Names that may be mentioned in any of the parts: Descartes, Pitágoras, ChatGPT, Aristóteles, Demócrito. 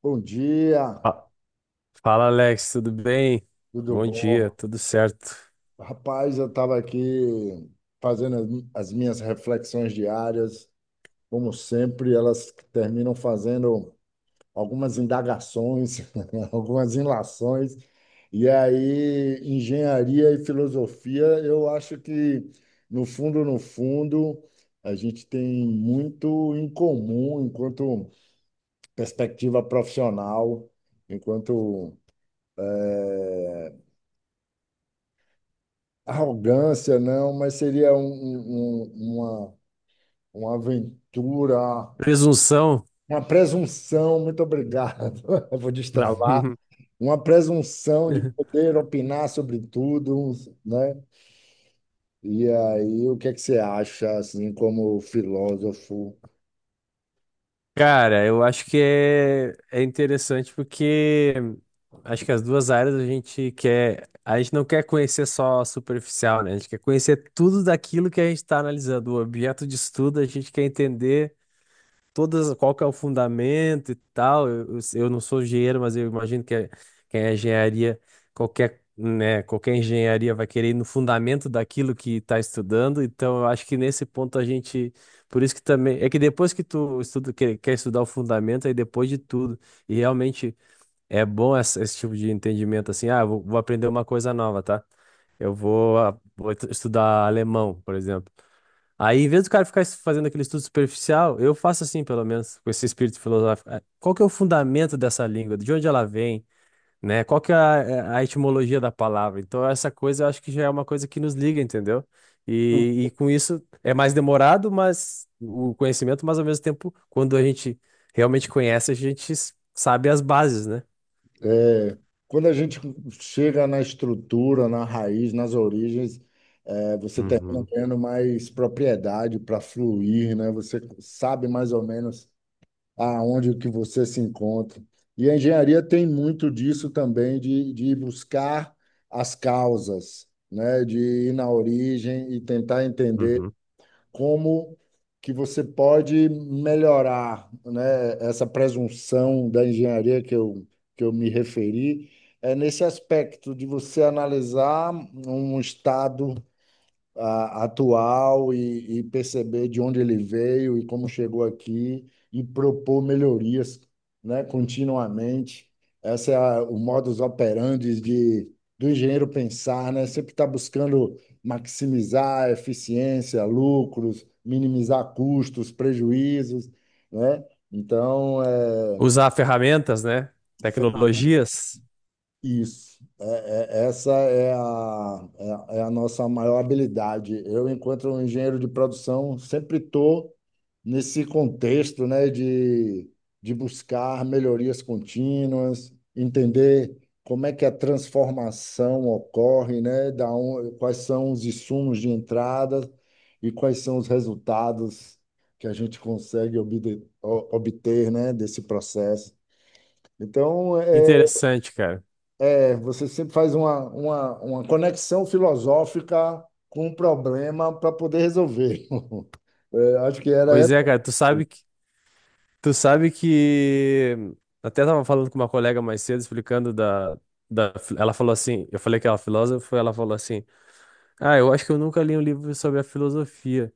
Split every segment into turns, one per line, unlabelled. Bom dia,
Fa- Fala, Alex, tudo bem?
tudo
Bom dia,
bom?
tudo certo.
Rapaz, eu estava aqui fazendo as minhas reflexões diárias. Como sempre, elas terminam fazendo algumas indagações, algumas ilações. E aí, engenharia e filosofia, eu acho que, no fundo, no fundo, a gente tem muito em comum enquanto perspectiva profissional, enquanto eh, arrogância, não, mas seria uma aventura,
Presunção?
uma presunção. Muito obrigado. Eu vou destravar. Uma presunção de poder opinar sobre tudo, né? E aí, o que é que você acha, assim, como filósofo?
Cara, eu acho que é interessante porque acho que as duas áreas a gente não quer conhecer só a superficial, né? A gente quer conhecer tudo daquilo que a gente está analisando, o objeto de estudo, a gente quer entender todas, qual que é o fundamento e tal. Eu não sou engenheiro, mas eu imagino que quem é engenharia, qualquer, né, qualquer engenharia vai querer ir no fundamento daquilo que está estudando. Então, eu acho que nesse ponto a gente, por isso que também, é que depois que tu estuda, quer estudar o fundamento, aí depois de tudo, e realmente é bom esse tipo de entendimento assim. Ah, eu vou aprender uma coisa nova, tá? Eu vou, ah, vou estudar alemão, por exemplo. Aí, em vez do cara ficar fazendo aquele estudo superficial, eu faço assim, pelo menos, com esse espírito filosófico. Ah, qual que é o fundamento dessa língua? De onde ela vem? Né? Qual que é a etimologia da palavra? Então, essa coisa eu acho que já é uma coisa que nos liga, entendeu? E com isso é mais demorado, mas o conhecimento, mas ao mesmo tempo, quando a gente realmente conhece, a gente sabe as bases, né?
É, quando a gente chega na estrutura, na raiz, nas origens, você termina
Uhum,
ganhando mais propriedade para fluir, né? Você sabe mais ou menos aonde que você se encontra. E a engenharia tem muito disso também, de buscar as causas, né? De ir na origem e tentar entender
uhum.
como que você pode melhorar, né? Essa presunção da engenharia que eu me referi, é nesse aspecto de você analisar um estado atual e perceber de onde ele veio e como chegou aqui e propor melhorias, né, continuamente. Essa é o modus operandi do engenheiro pensar, né? Sempre está buscando maximizar a eficiência, lucros, minimizar custos, prejuízos, né? Então,
Usar ferramentas, né? Tecnologias.
isso. Essa é a nossa maior habilidade. Eu, enquanto um engenheiro de produção, sempre estou nesse contexto, né, de buscar melhorias contínuas, entender como é que a transformação ocorre, né, quais são os insumos de entrada e quais são os resultados que a gente consegue obter, né, desse processo. Então,
Interessante, cara.
você sempre faz uma conexão filosófica com um problema para poder resolver. É, acho que era
Pois
essa.
é, cara, tu sabe que. Tu sabe que até tava falando com uma colega mais cedo, explicando da. Ela falou assim, eu falei que ela é filósofa, ela falou assim, ah, eu acho que eu nunca li um livro sobre a filosofia,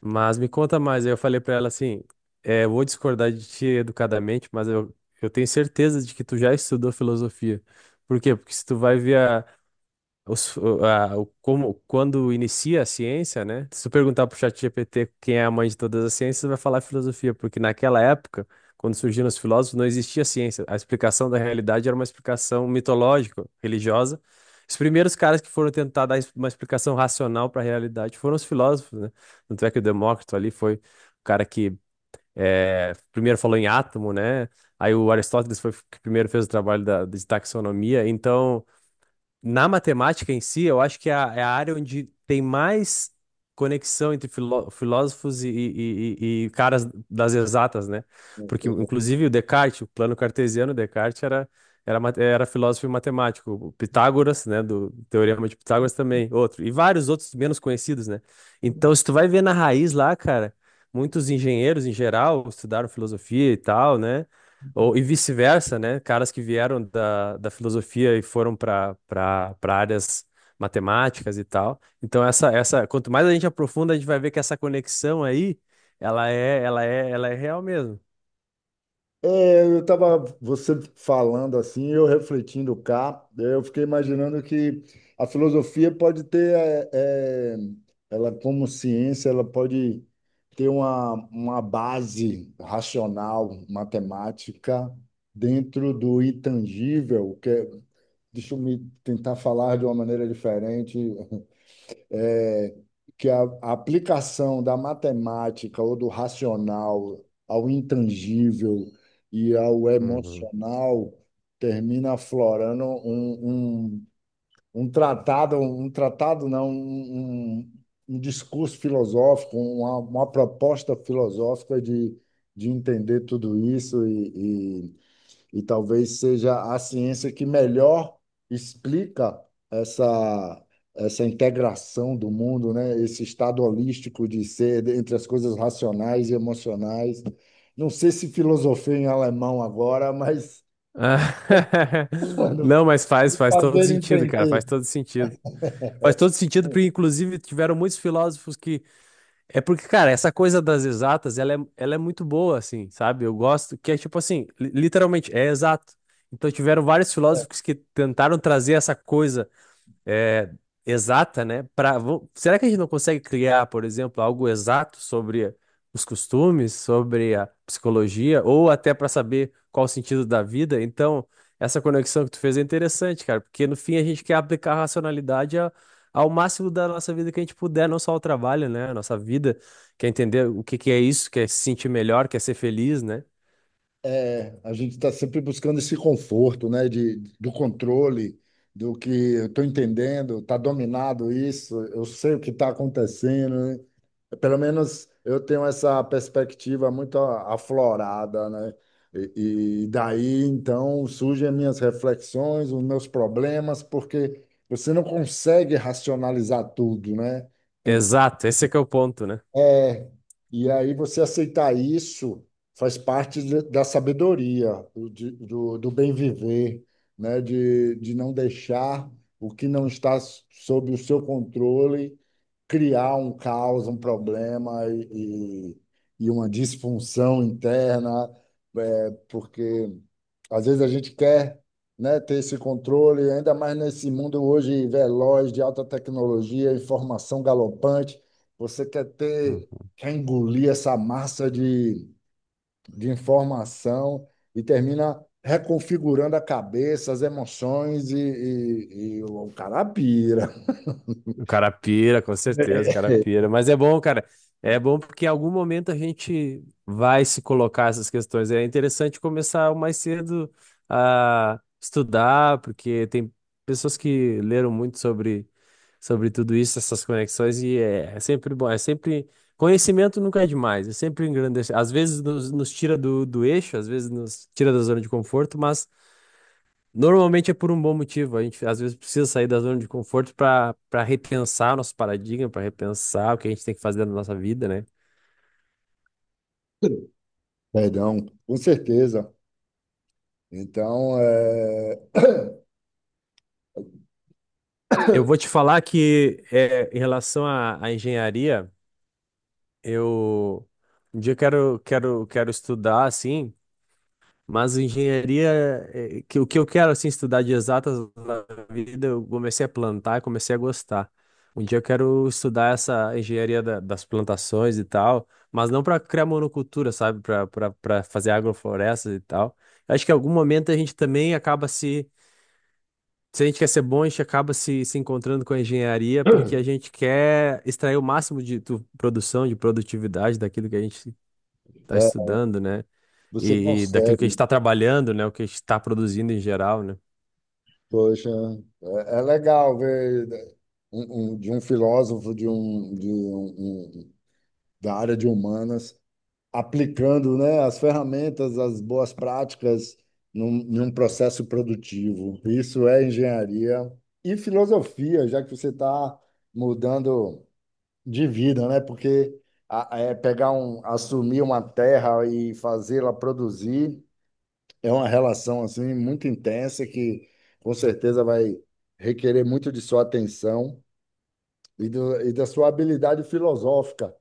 mas me conta mais. Aí eu falei pra ela assim, é, eu vou discordar de ti educadamente, eu tenho certeza de que tu já estudou filosofia. Por quê? Porque se tu vai ver como, quando inicia a ciência, né? Se tu perguntar pro ChatGPT quem é a mãe de todas as ciências, vai falar filosofia, porque naquela época, quando surgiram os filósofos, não existia ciência. A explicação da realidade era uma explicação mitológica, religiosa. Os primeiros caras que foram tentar dar uma explicação racional para a realidade foram os filósofos, né? Tanto é que o Demócrito ali foi o cara que primeiro falou em átomo, né? Aí o Aristóteles foi o que primeiro fez o trabalho de taxonomia. Então, na matemática em si, eu acho que é a área onde tem mais conexão entre filósofos e caras das exatas, né? Porque, inclusive, o Descartes, o plano cartesiano, Descartes era filósofo e matemático. O Pitágoras, né, do Teorema de Pitágoras também, outro. E vários outros menos conhecidos, né? Então, se tu vai ver na raiz lá, cara, muitos engenheiros, em geral, estudaram filosofia e tal, né? Ou, e vice-versa, né? Caras que vieram da filosofia e foram para áreas matemáticas e tal. Então, quanto mais a gente aprofunda, a gente vai ver que essa conexão aí, ela é real mesmo.
É, eu estava você falando assim, eu refletindo cá, eu fiquei imaginando que a filosofia pode ter, é, ela como ciência, ela pode ter uma base racional, matemática, dentro do intangível, que deixa eu me tentar falar de uma maneira diferente, é, que a aplicação da matemática ou do racional ao intangível e ao
Uhum.
emocional termina aflorando um tratado não, um discurso filosófico, uma proposta filosófica de entender tudo isso e talvez seja a ciência que melhor explica essa, essa integração do mundo, né? Esse estado holístico de ser entre as coisas racionais e emocionais. Não sei se filosofei em alemão agora, mas
Ah,
quando
não, mas
me
faz todo
fazer
sentido, cara,
entender,
faz todo sentido. Faz todo sentido, porque inclusive tiveram muitos filósofos que... É porque, cara, essa coisa das exatas, ela é muito boa, assim, sabe? Eu gosto que é tipo assim, literalmente, é exato. Então tiveram vários filósofos que tentaram trazer essa coisa, é, exata, né? Pra, será que a gente não consegue criar, por exemplo, algo exato sobre os costumes, sobre a psicologia, ou até para saber qual o sentido da vida? Então, essa conexão que tu fez é interessante, cara, porque no fim a gente quer aplicar a racionalidade ao máximo da nossa vida que a gente puder, não só ao trabalho, né? A nossa vida, quer entender o que que é isso, quer se sentir melhor, quer ser feliz, né?
a gente está sempre buscando esse conforto, né? Do controle, do que eu estou entendendo, está dominado isso, eu sei o que está acontecendo, né? Pelo menos eu tenho essa perspectiva muito aflorada, né? E daí então surgem as minhas reflexões, os meus problemas, porque você não consegue racionalizar tudo, né? Tem.
Exato, esse é que é o ponto, né?
é, e aí você aceitar isso faz parte da sabedoria, do bem viver, né? De não deixar o que não está sob o seu controle criar um caos, um problema e uma disfunção interna, porque às vezes a gente quer, né, ter esse controle, ainda mais nesse mundo hoje veloz de alta tecnologia, informação galopante. Você quer ter,
Uhum.
quer engolir essa massa de informação e termina reconfigurando a cabeça, as emoções e o cara pira.
O cara pira, com certeza, o cara pira. Mas é bom, cara. É bom porque em algum momento a gente vai se colocar essas questões. É interessante começar o mais cedo a estudar, porque tem pessoas que leram muito sobre tudo isso, essas conexões, e é sempre bom. É sempre. Conhecimento nunca é demais, é sempre engrandece. Às vezes nos tira do eixo, às vezes nos tira da zona de conforto, mas normalmente é por um bom motivo. A gente às vezes precisa sair da zona de conforto para repensar nosso paradigma, para repensar o que a gente tem que fazer na nossa vida, né?
Perdão, com certeza. Então,
Eu vou te falar que é, em relação à engenharia, eu um dia eu quero estudar assim. Mas engenharia, é, que, o que eu quero assim estudar de exatas na vida, eu comecei a plantar, e comecei a gostar. Um dia eu quero estudar essa engenharia das plantações e tal, mas não para criar monocultura, sabe? Para fazer agroflorestas e tal. Acho que em algum momento a gente também acaba se. Se a gente quer ser bom, a gente acaba se encontrando com a engenharia, porque a gente quer extrair o máximo de produção, de produtividade daquilo que a gente está
é,
estudando, né?
você
E daquilo que a gente
consegue.
está trabalhando, né? O que a gente está produzindo em geral, né?
Poxa, é legal ver, né, de um filósofo um- da área de humanas aplicando, né, as ferramentas, as boas práticas num processo produtivo. Isso é engenharia e filosofia, já que você está mudando de vida, né? Porque é pegar um, assumir uma terra e fazê-la produzir é uma relação assim muito intensa que com certeza vai requerer muito de sua atenção e da sua habilidade filosófica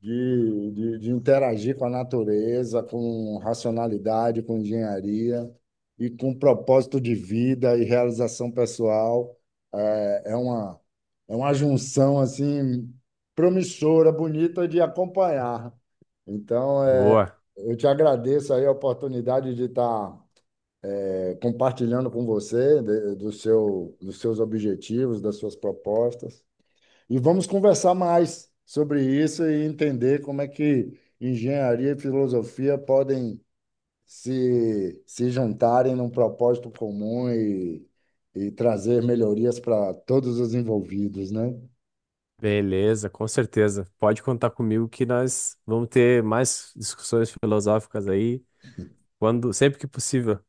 de interagir com a natureza, com racionalidade, com engenharia e com propósito de vida e realização pessoal. É, é uma, é uma junção assim promissora, bonita de acompanhar. Então,
Boa,
eu te agradeço aí a oportunidade de estar compartilhando com você do seu, dos seus objetivos, das suas propostas. E vamos conversar mais sobre isso e entender como é que engenharia e filosofia podem se juntarem num propósito comum e trazer melhorias para todos os envolvidos, né?
beleza, com certeza. Pode contar comigo que nós vamos ter mais discussões filosóficas aí quando, sempre que possível.